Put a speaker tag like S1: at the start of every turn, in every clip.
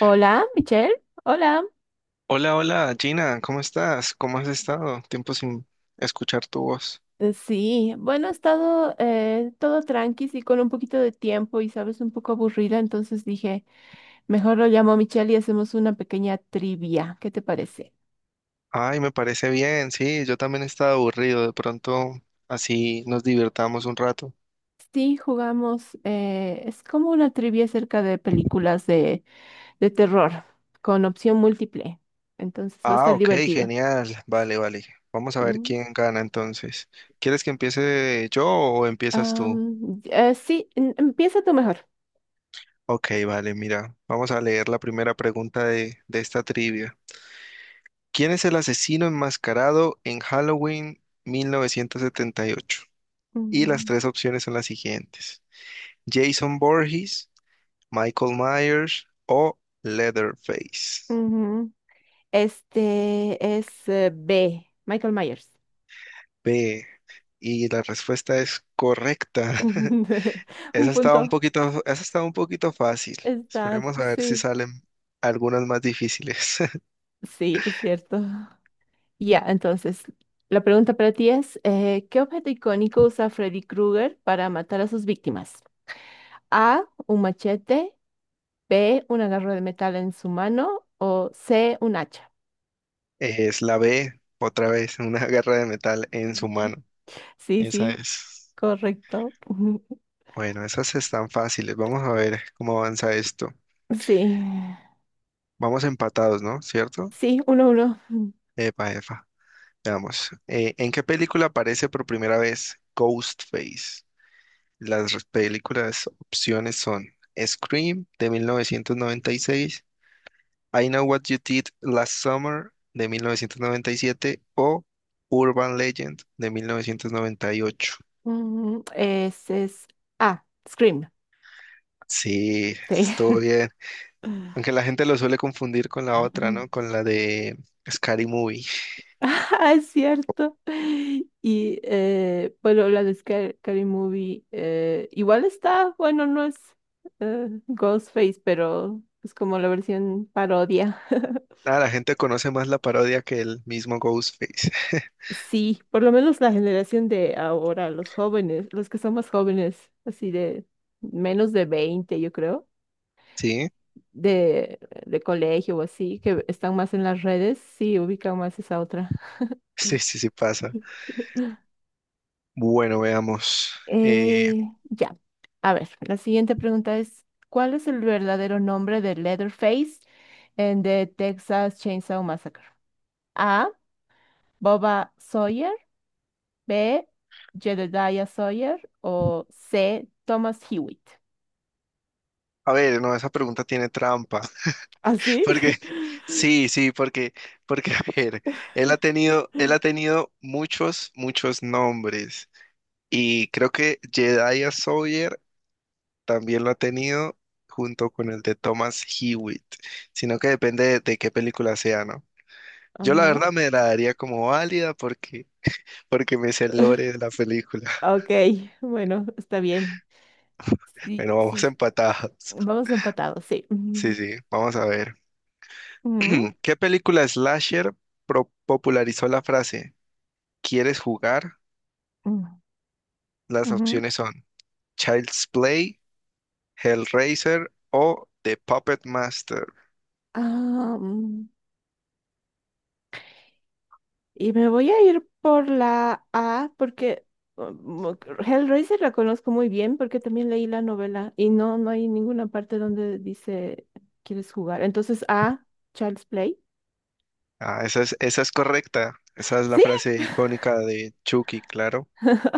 S1: Hola, Michelle. Hola.
S2: Hola, hola, Gina, ¿cómo estás? ¿Cómo has estado? Tiempo sin escuchar tu voz.
S1: Sí, bueno, he estado todo tranqui y con un poquito de tiempo y sabes, un poco aburrida, entonces dije, mejor lo llamo a Michelle y hacemos una pequeña trivia. ¿Qué te parece?
S2: Ay, me parece bien, sí, yo también estaba aburrido, de pronto así nos divertamos un rato.
S1: Sí, jugamos, es como una trivia acerca de películas de terror con opción múltiple, entonces va a
S2: Ah,
S1: estar
S2: ok,
S1: divertido.
S2: genial, vale, vale. Vamos a ver
S1: Mm,
S2: quién gana entonces. ¿Quieres que empiece yo o empiezas tú?
S1: sí, empieza tú mejor.
S2: Ok, vale, mira, vamos a leer la primera pregunta de esta trivia. ¿Quién es el asesino enmascarado en Halloween 1978? Y ocho? Y las
S1: Mm,
S2: tres opciones son las siguientes. Jason Voorhees, Michael Myers o Leatherface.
S1: ujú. Este es B, Michael Myers.
S2: B. Y la respuesta es correcta.
S1: Un punto.
S2: Esa estaba un poquito fácil.
S1: Está,
S2: Esperemos a ver si
S1: sí,
S2: salen algunas más difíciles.
S1: sí, es cierto. Ya, entonces, la pregunta para ti es, ¿qué objeto icónico usa Freddy Krueger para matar a sus víctimas? A, un machete, B, una garra de metal en su mano o C, un hacha.
S2: Es la B, otra vez, una garra de metal en su mano.
S1: Sí,
S2: Esa
S1: sí,
S2: es.
S1: correcto.
S2: Bueno, esas están fáciles. Vamos a ver cómo avanza esto.
S1: Sí,
S2: Vamos empatados, ¿no? ¿Cierto?
S1: sí, uno, uno.
S2: Epa, epa. Veamos. ¿En qué película aparece por primera vez Ghostface? Las res- películas opciones son Scream de 1996, I Know What You Did Last Summer de 1997 o Urban Legend de 1998.
S1: Ese es A, Scream.
S2: Sí,
S1: Sí.
S2: estuvo bien. Aunque la gente lo suele confundir con la otra, ¿no? Con la de Scary Movie.
S1: Ah, es cierto. Y bueno, la de Scary Movie igual está, bueno, no es Ghostface, pero es como la versión parodia.
S2: Nada, la gente conoce más la parodia que el mismo Ghostface.
S1: Sí, por lo menos la generación de ahora, los jóvenes, los que son más jóvenes, así de menos de 20 yo creo,
S2: Sí,
S1: de, de colegio o así, que están más en las redes, sí, ubican más esa otra.
S2: sí, sí, sí, pasa. Bueno, veamos. Eh,
S1: Eh, ya. A ver, la siguiente pregunta es, ¿cuál es el verdadero nombre de Leatherface en The Texas Chainsaw Massacre? A. Boba Sawyer. B. Jedediah Sawyer. O C. Thomas Hewitt.
S2: a ver, no, esa pregunta tiene trampa.
S1: ¿Ah, sí?
S2: Porque, sí, sí, porque, porque, A ver, él ha tenido muchos, muchos nombres. Y creo que Jedediah Sawyer también lo ha tenido junto con el de Thomas Hewitt. Sino que depende de qué película sea, ¿no? Yo la
S1: Ajá.
S2: verdad me la daría como válida porque, Porque me sé el lore de la película.
S1: Ok, bueno, está bien. Sí,
S2: Bueno, vamos
S1: sí,
S2: empatados.
S1: vamos empatados, sí.
S2: Sí, sí, vamos a ver.
S1: Ujú,
S2: ¿Qué película slasher popularizó la frase "¿Quieres jugar?"?
S1: ujú,
S2: Las
S1: ujú.
S2: opciones son Child's Play, Hellraiser o The Puppet Master.
S1: Ah, mm. Y me voy a ir por la A porque um, Hellraiser la conozco muy bien porque también leí la novela y no, no hay ninguna parte donde dice quieres jugar. Entonces A, Child's Play.
S2: Ah, esa es correcta. Esa es la
S1: Sí,
S2: frase icónica de Chucky, claro.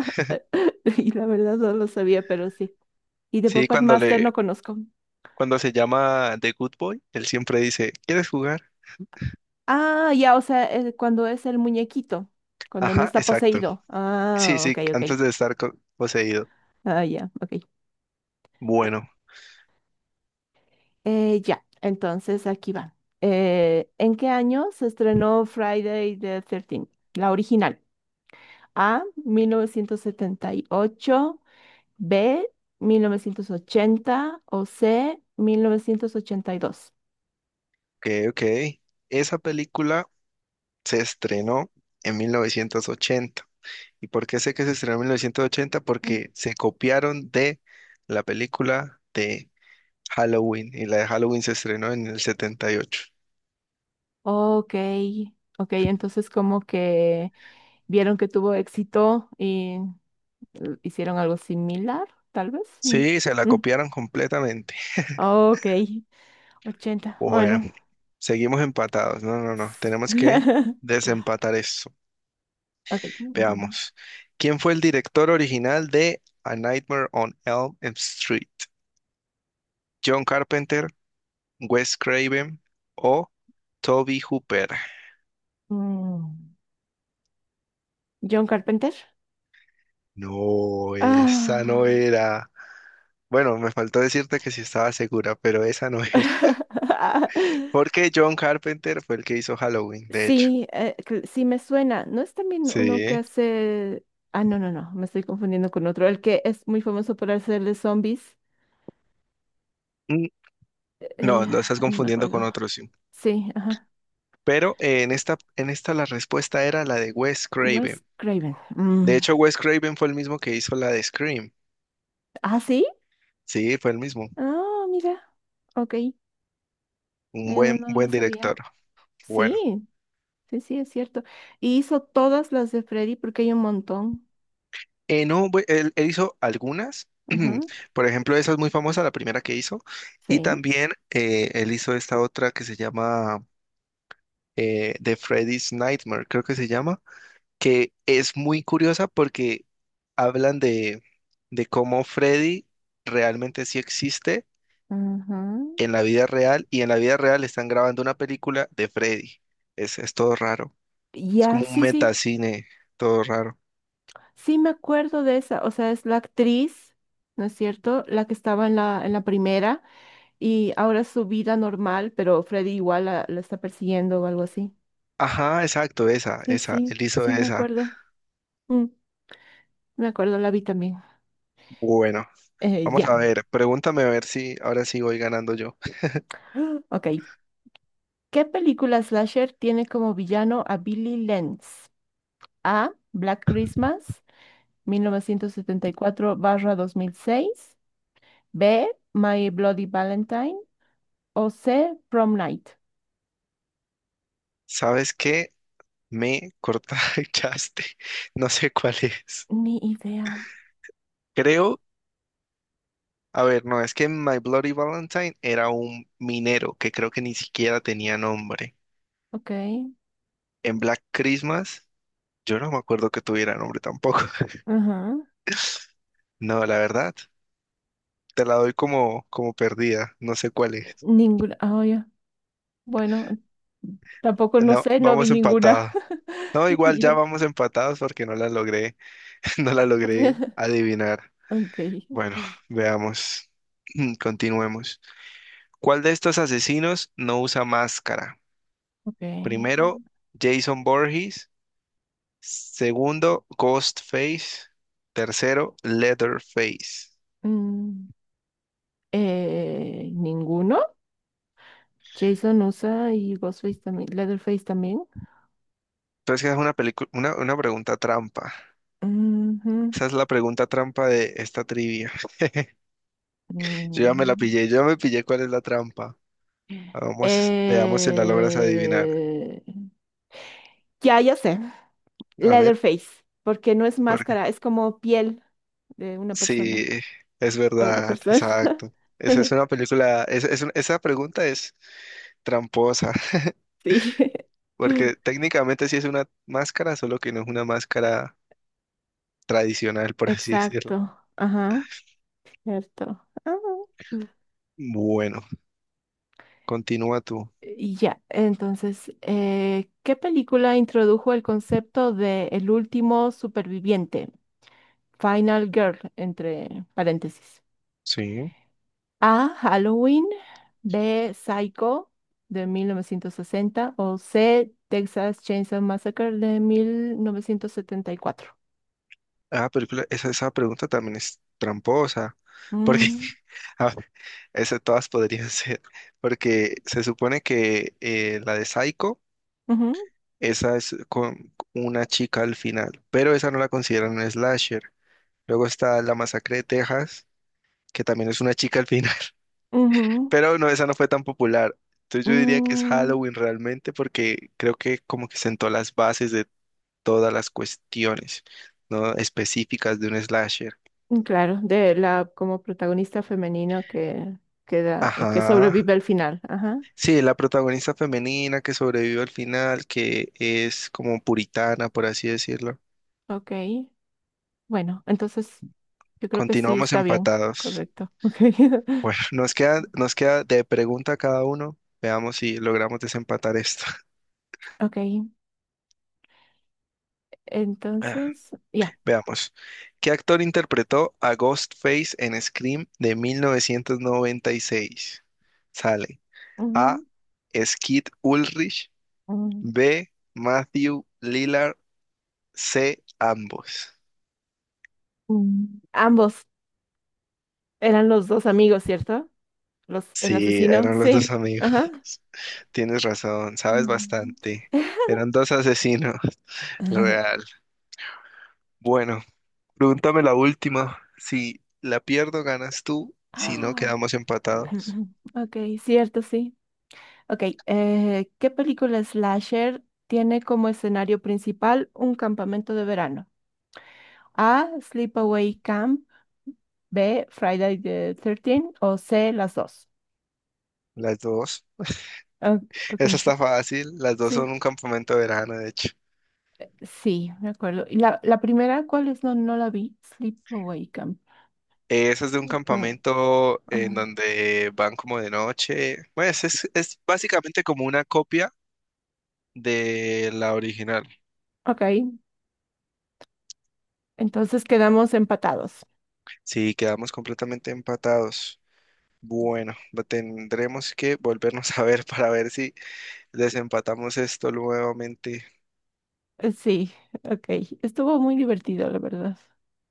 S1: y la verdad no lo sabía, pero sí. Y de
S2: Sí,
S1: Puppet
S2: cuando
S1: Master
S2: le,
S1: no conozco.
S2: Cuando se llama The Good Boy, él siempre dice, "¿quieres jugar?".
S1: Ah, ya, o sea, cuando es el muñequito, cuando no
S2: Ajá,
S1: está
S2: exacto.
S1: poseído.
S2: Sí,
S1: Ah,
S2: sí,
S1: ok, ok.
S2: antes de estar poseído.
S1: Ah, ya, ok.
S2: Bueno,
S1: Ya, entonces aquí va. ¿En qué año se estrenó Friday the 13th? La original. A, 1978. B, 1980. O C, 1982.
S2: ok, ok. Esa película se estrenó en 1980. ¿Y por qué sé que se estrenó en 1980?
S1: Mm.
S2: Porque se copiaron de la película de Halloween, y la de Halloween se estrenó en el 78.
S1: Ok, ok, entonces como que vieron que tuvo éxito y hicieron algo similar, tal vez. Mm,
S2: Sí, se la
S1: mm.
S2: copiaron completamente.
S1: Ok, 80,
S2: Bueno,
S1: bueno.
S2: seguimos empatados. No, no, no. Tenemos que desempatar eso.
S1: Ok.
S2: Veamos. ¿Quién fue el director original de A Nightmare on Elm Street? ¿John Carpenter, Wes Craven o Toby Hooper?
S1: Mm, John Carpenter.
S2: No, esa no
S1: Ah.
S2: era. Bueno, me faltó decirte que sí estaba segura, pero esa no era. Porque John Carpenter fue el que hizo Halloween, de hecho.
S1: Sí, sí me suena. ¿No es también uno que
S2: Sí.
S1: hace... Ah, no, no, no, me estoy confundiendo con otro. El que es muy famoso por hacer de zombies.
S2: Mm, no,
S1: Eh,
S2: lo estás
S1: ay, no me
S2: confundiendo con
S1: acuerdo.
S2: otro, sí.
S1: Sí, ajá.
S2: Pero en esta la respuesta era la de Wes
S1: Wes
S2: Craven.
S1: Craven. Mm,
S2: De hecho, Wes Craven fue el mismo que hizo la de Scream.
S1: ¿ah, sí?
S2: Sí, fue el mismo.
S1: Ah, mira. Ok.
S2: Un
S1: No,
S2: buen,
S1: no lo
S2: buen director.
S1: sabía.
S2: Bueno.
S1: Sí, sí, sí, es cierto. Y hizo todas las de Freddy porque hay un montón.
S2: No, bu- él hizo algunas.
S1: Ajá.
S2: Por ejemplo, esa es muy famosa, la primera que hizo. Y
S1: Sí.
S2: también él hizo esta otra que se llama de Freddy's Nightmare, creo que se llama, que es muy curiosa porque hablan de cómo Freddy realmente sí existe
S1: Ujú.
S2: en la vida real, y en la vida real están grabando una película de Freddy. Es todo raro. Es
S1: Ya,
S2: como un
S1: sí, sí,
S2: metacine, todo raro.
S1: sí me acuerdo de esa, o sea, es la actriz, ¿no es cierto? La que estaba en en la primera y ahora es su vida normal, pero Freddy igual la está persiguiendo o algo así.
S2: Ajá, exacto,
S1: Sí,
S2: esa,
S1: sí,
S2: él hizo
S1: sí, me
S2: esa.
S1: acuerdo. Mm, me acuerdo, la vi también.
S2: Bueno,
S1: Eh,
S2: vamos a
S1: ya.
S2: ver, pregúntame a ver si ahora sí voy ganando yo.
S1: Ok. ¿Qué película slasher tiene como villano a Billy Lenz? A. Black Christmas, 1974/2006. B. My Bloody Valentine. O C, Prom Night.
S2: ¿Sabes qué? Me cortaste, no sé cuál es.
S1: Ni idea.
S2: Creo a ver, no, es que My Bloody Valentine era un minero que creo que ni siquiera tenía nombre.
S1: Ok.
S2: En Black Christmas, yo no me acuerdo que tuviera nombre tampoco.
S1: Ajá.
S2: No, la verdad, te la doy como perdida. No sé cuál es.
S1: Ninguna. Ah, ya. Bueno, tampoco no
S2: No,
S1: sé, no vi
S2: vamos
S1: ninguna.
S2: empatados. No, igual
S1: Y ya.
S2: ya vamos empatados porque no la logré adivinar.
S1: Ok.
S2: Bueno, veamos, continuemos. ¿Cuál de estos asesinos no usa máscara?
S1: Ok.
S2: Primero, Jason Voorhees. Segundo, Ghostface. Tercero, Leatherface.
S1: Mm, ¿Ninguno? Jason usa y Ghostface también. Leatherface también.
S2: Entonces, esa es una pregunta trampa. Esa es la pregunta trampa de esta trivia. Yo
S1: Ujú.
S2: ya me la
S1: Mm.
S2: pillé, yo ya me pillé cuál es la trampa. Vamos, veamos si la logras adivinar.
S1: Eh, ya, ya sé.
S2: A ver,
S1: Leatherface, porque no es
S2: porque
S1: máscara, es como piel de una persona.
S2: sí, es
S1: O de
S2: verdad,
S1: persona.
S2: exacto. Esa es una película, esa pregunta es tramposa,
S1: Sí,
S2: porque técnicamente sí es una máscara, solo que no es una máscara tradicional, por así decirlo.
S1: exacto. Ajá, cierto. Ah, mm.
S2: Bueno. Continúa tú.
S1: Y ya, entonces, ¿qué película introdujo el concepto de el último superviviente? Final Girl, entre paréntesis.
S2: Sí.
S1: A. Halloween. B. Psycho de 1960. O C. Texas Chainsaw Massacre de 1974.
S2: Ah, película, esa pregunta también es tramposa, porque
S1: Mm,
S2: a ver, esa todas podrían ser, porque se supone que la de Psycho,
S1: ujú,
S2: esa es con una chica al final, pero esa no la consideran un slasher. Luego está La Masacre de Texas, que también es una chica al final,
S1: ujú,
S2: pero no, esa no fue tan popular. Entonces yo diría que es
S1: mm,
S2: Halloween realmente, porque creo que como que sentó las bases todas las cuestiones, ¿no? específicas de un slasher.
S1: Claro, de la como protagonista femenina que queda, que
S2: Ajá.
S1: sobrevive al final. Ajá,
S2: Sí, la protagonista femenina que sobrevive al final, que es como puritana, por así decirlo.
S1: ok. Bueno, entonces yo creo que sí
S2: Continuamos
S1: está bien,
S2: empatados.
S1: correcto. Ok,
S2: Bueno, nos queda de pregunta a cada uno. Veamos si logramos desempatar esto.
S1: ok.
S2: Ah,
S1: Entonces, ya.
S2: veamos. ¿Qué actor interpretó a Ghostface en Scream de 1996? Sale A.
S1: ujú,
S2: Skid Ulrich,
S1: mm,
S2: B, Matthew Lillard, C, ambos.
S1: mm. Ambos eran los dos amigos, ¿cierto? Los, el
S2: Sí,
S1: asesino,
S2: eran los dos
S1: sí.
S2: amigos.
S1: Ajá.
S2: Tienes razón, sabes
S1: Mm.
S2: bastante. Eran dos asesinos, real. Bueno, pregúntame la última. Si la pierdo, ganas tú. Si no,
S1: Ah,
S2: quedamos empatados.
S1: Ok, cierto, sí. Ok, ¿qué película slasher tiene como escenario principal un campamento de verano? A. Sleepaway Camp. B. Friday the Thirteenth o C. Las dos.
S2: Las dos.
S1: Ah, ok,
S2: Esa está fácil. Las dos son
S1: sí,
S2: un campamento de verano, de hecho.
S1: sí, me acuerdo. ¿Y la primera cuál es? No, no la vi. Sleepaway Camp.
S2: Esa es de un
S1: No,
S2: campamento en
S1: ah,
S2: donde van como de noche. Pues es básicamente como una copia de la original.
S1: ok, entonces quedamos empatados.
S2: Sí, quedamos completamente empatados. Bueno, tendremos que volvernos a ver para ver si desempatamos esto nuevamente.
S1: Sí, ok. Estuvo muy divertido, la verdad.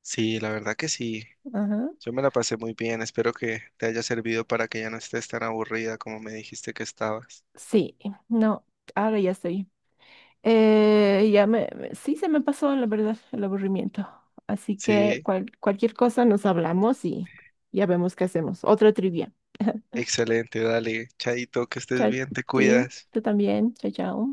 S2: Sí, la verdad que sí.
S1: Ajá.
S2: Yo me la pasé muy bien. Espero que te haya servido para que ya no estés tan aburrida como me dijiste que estabas.
S1: Sí, no, ahora ya estoy. Sí se me pasó, la verdad, el aburrimiento. Así que
S2: Sí,
S1: cualquier cosa nos hablamos y ya vemos qué hacemos. Otra trivia.
S2: excelente. Dale, Chaito, que estés
S1: Chao,
S2: bien, te
S1: sí,
S2: cuidas.
S1: tú también. Chao, chao.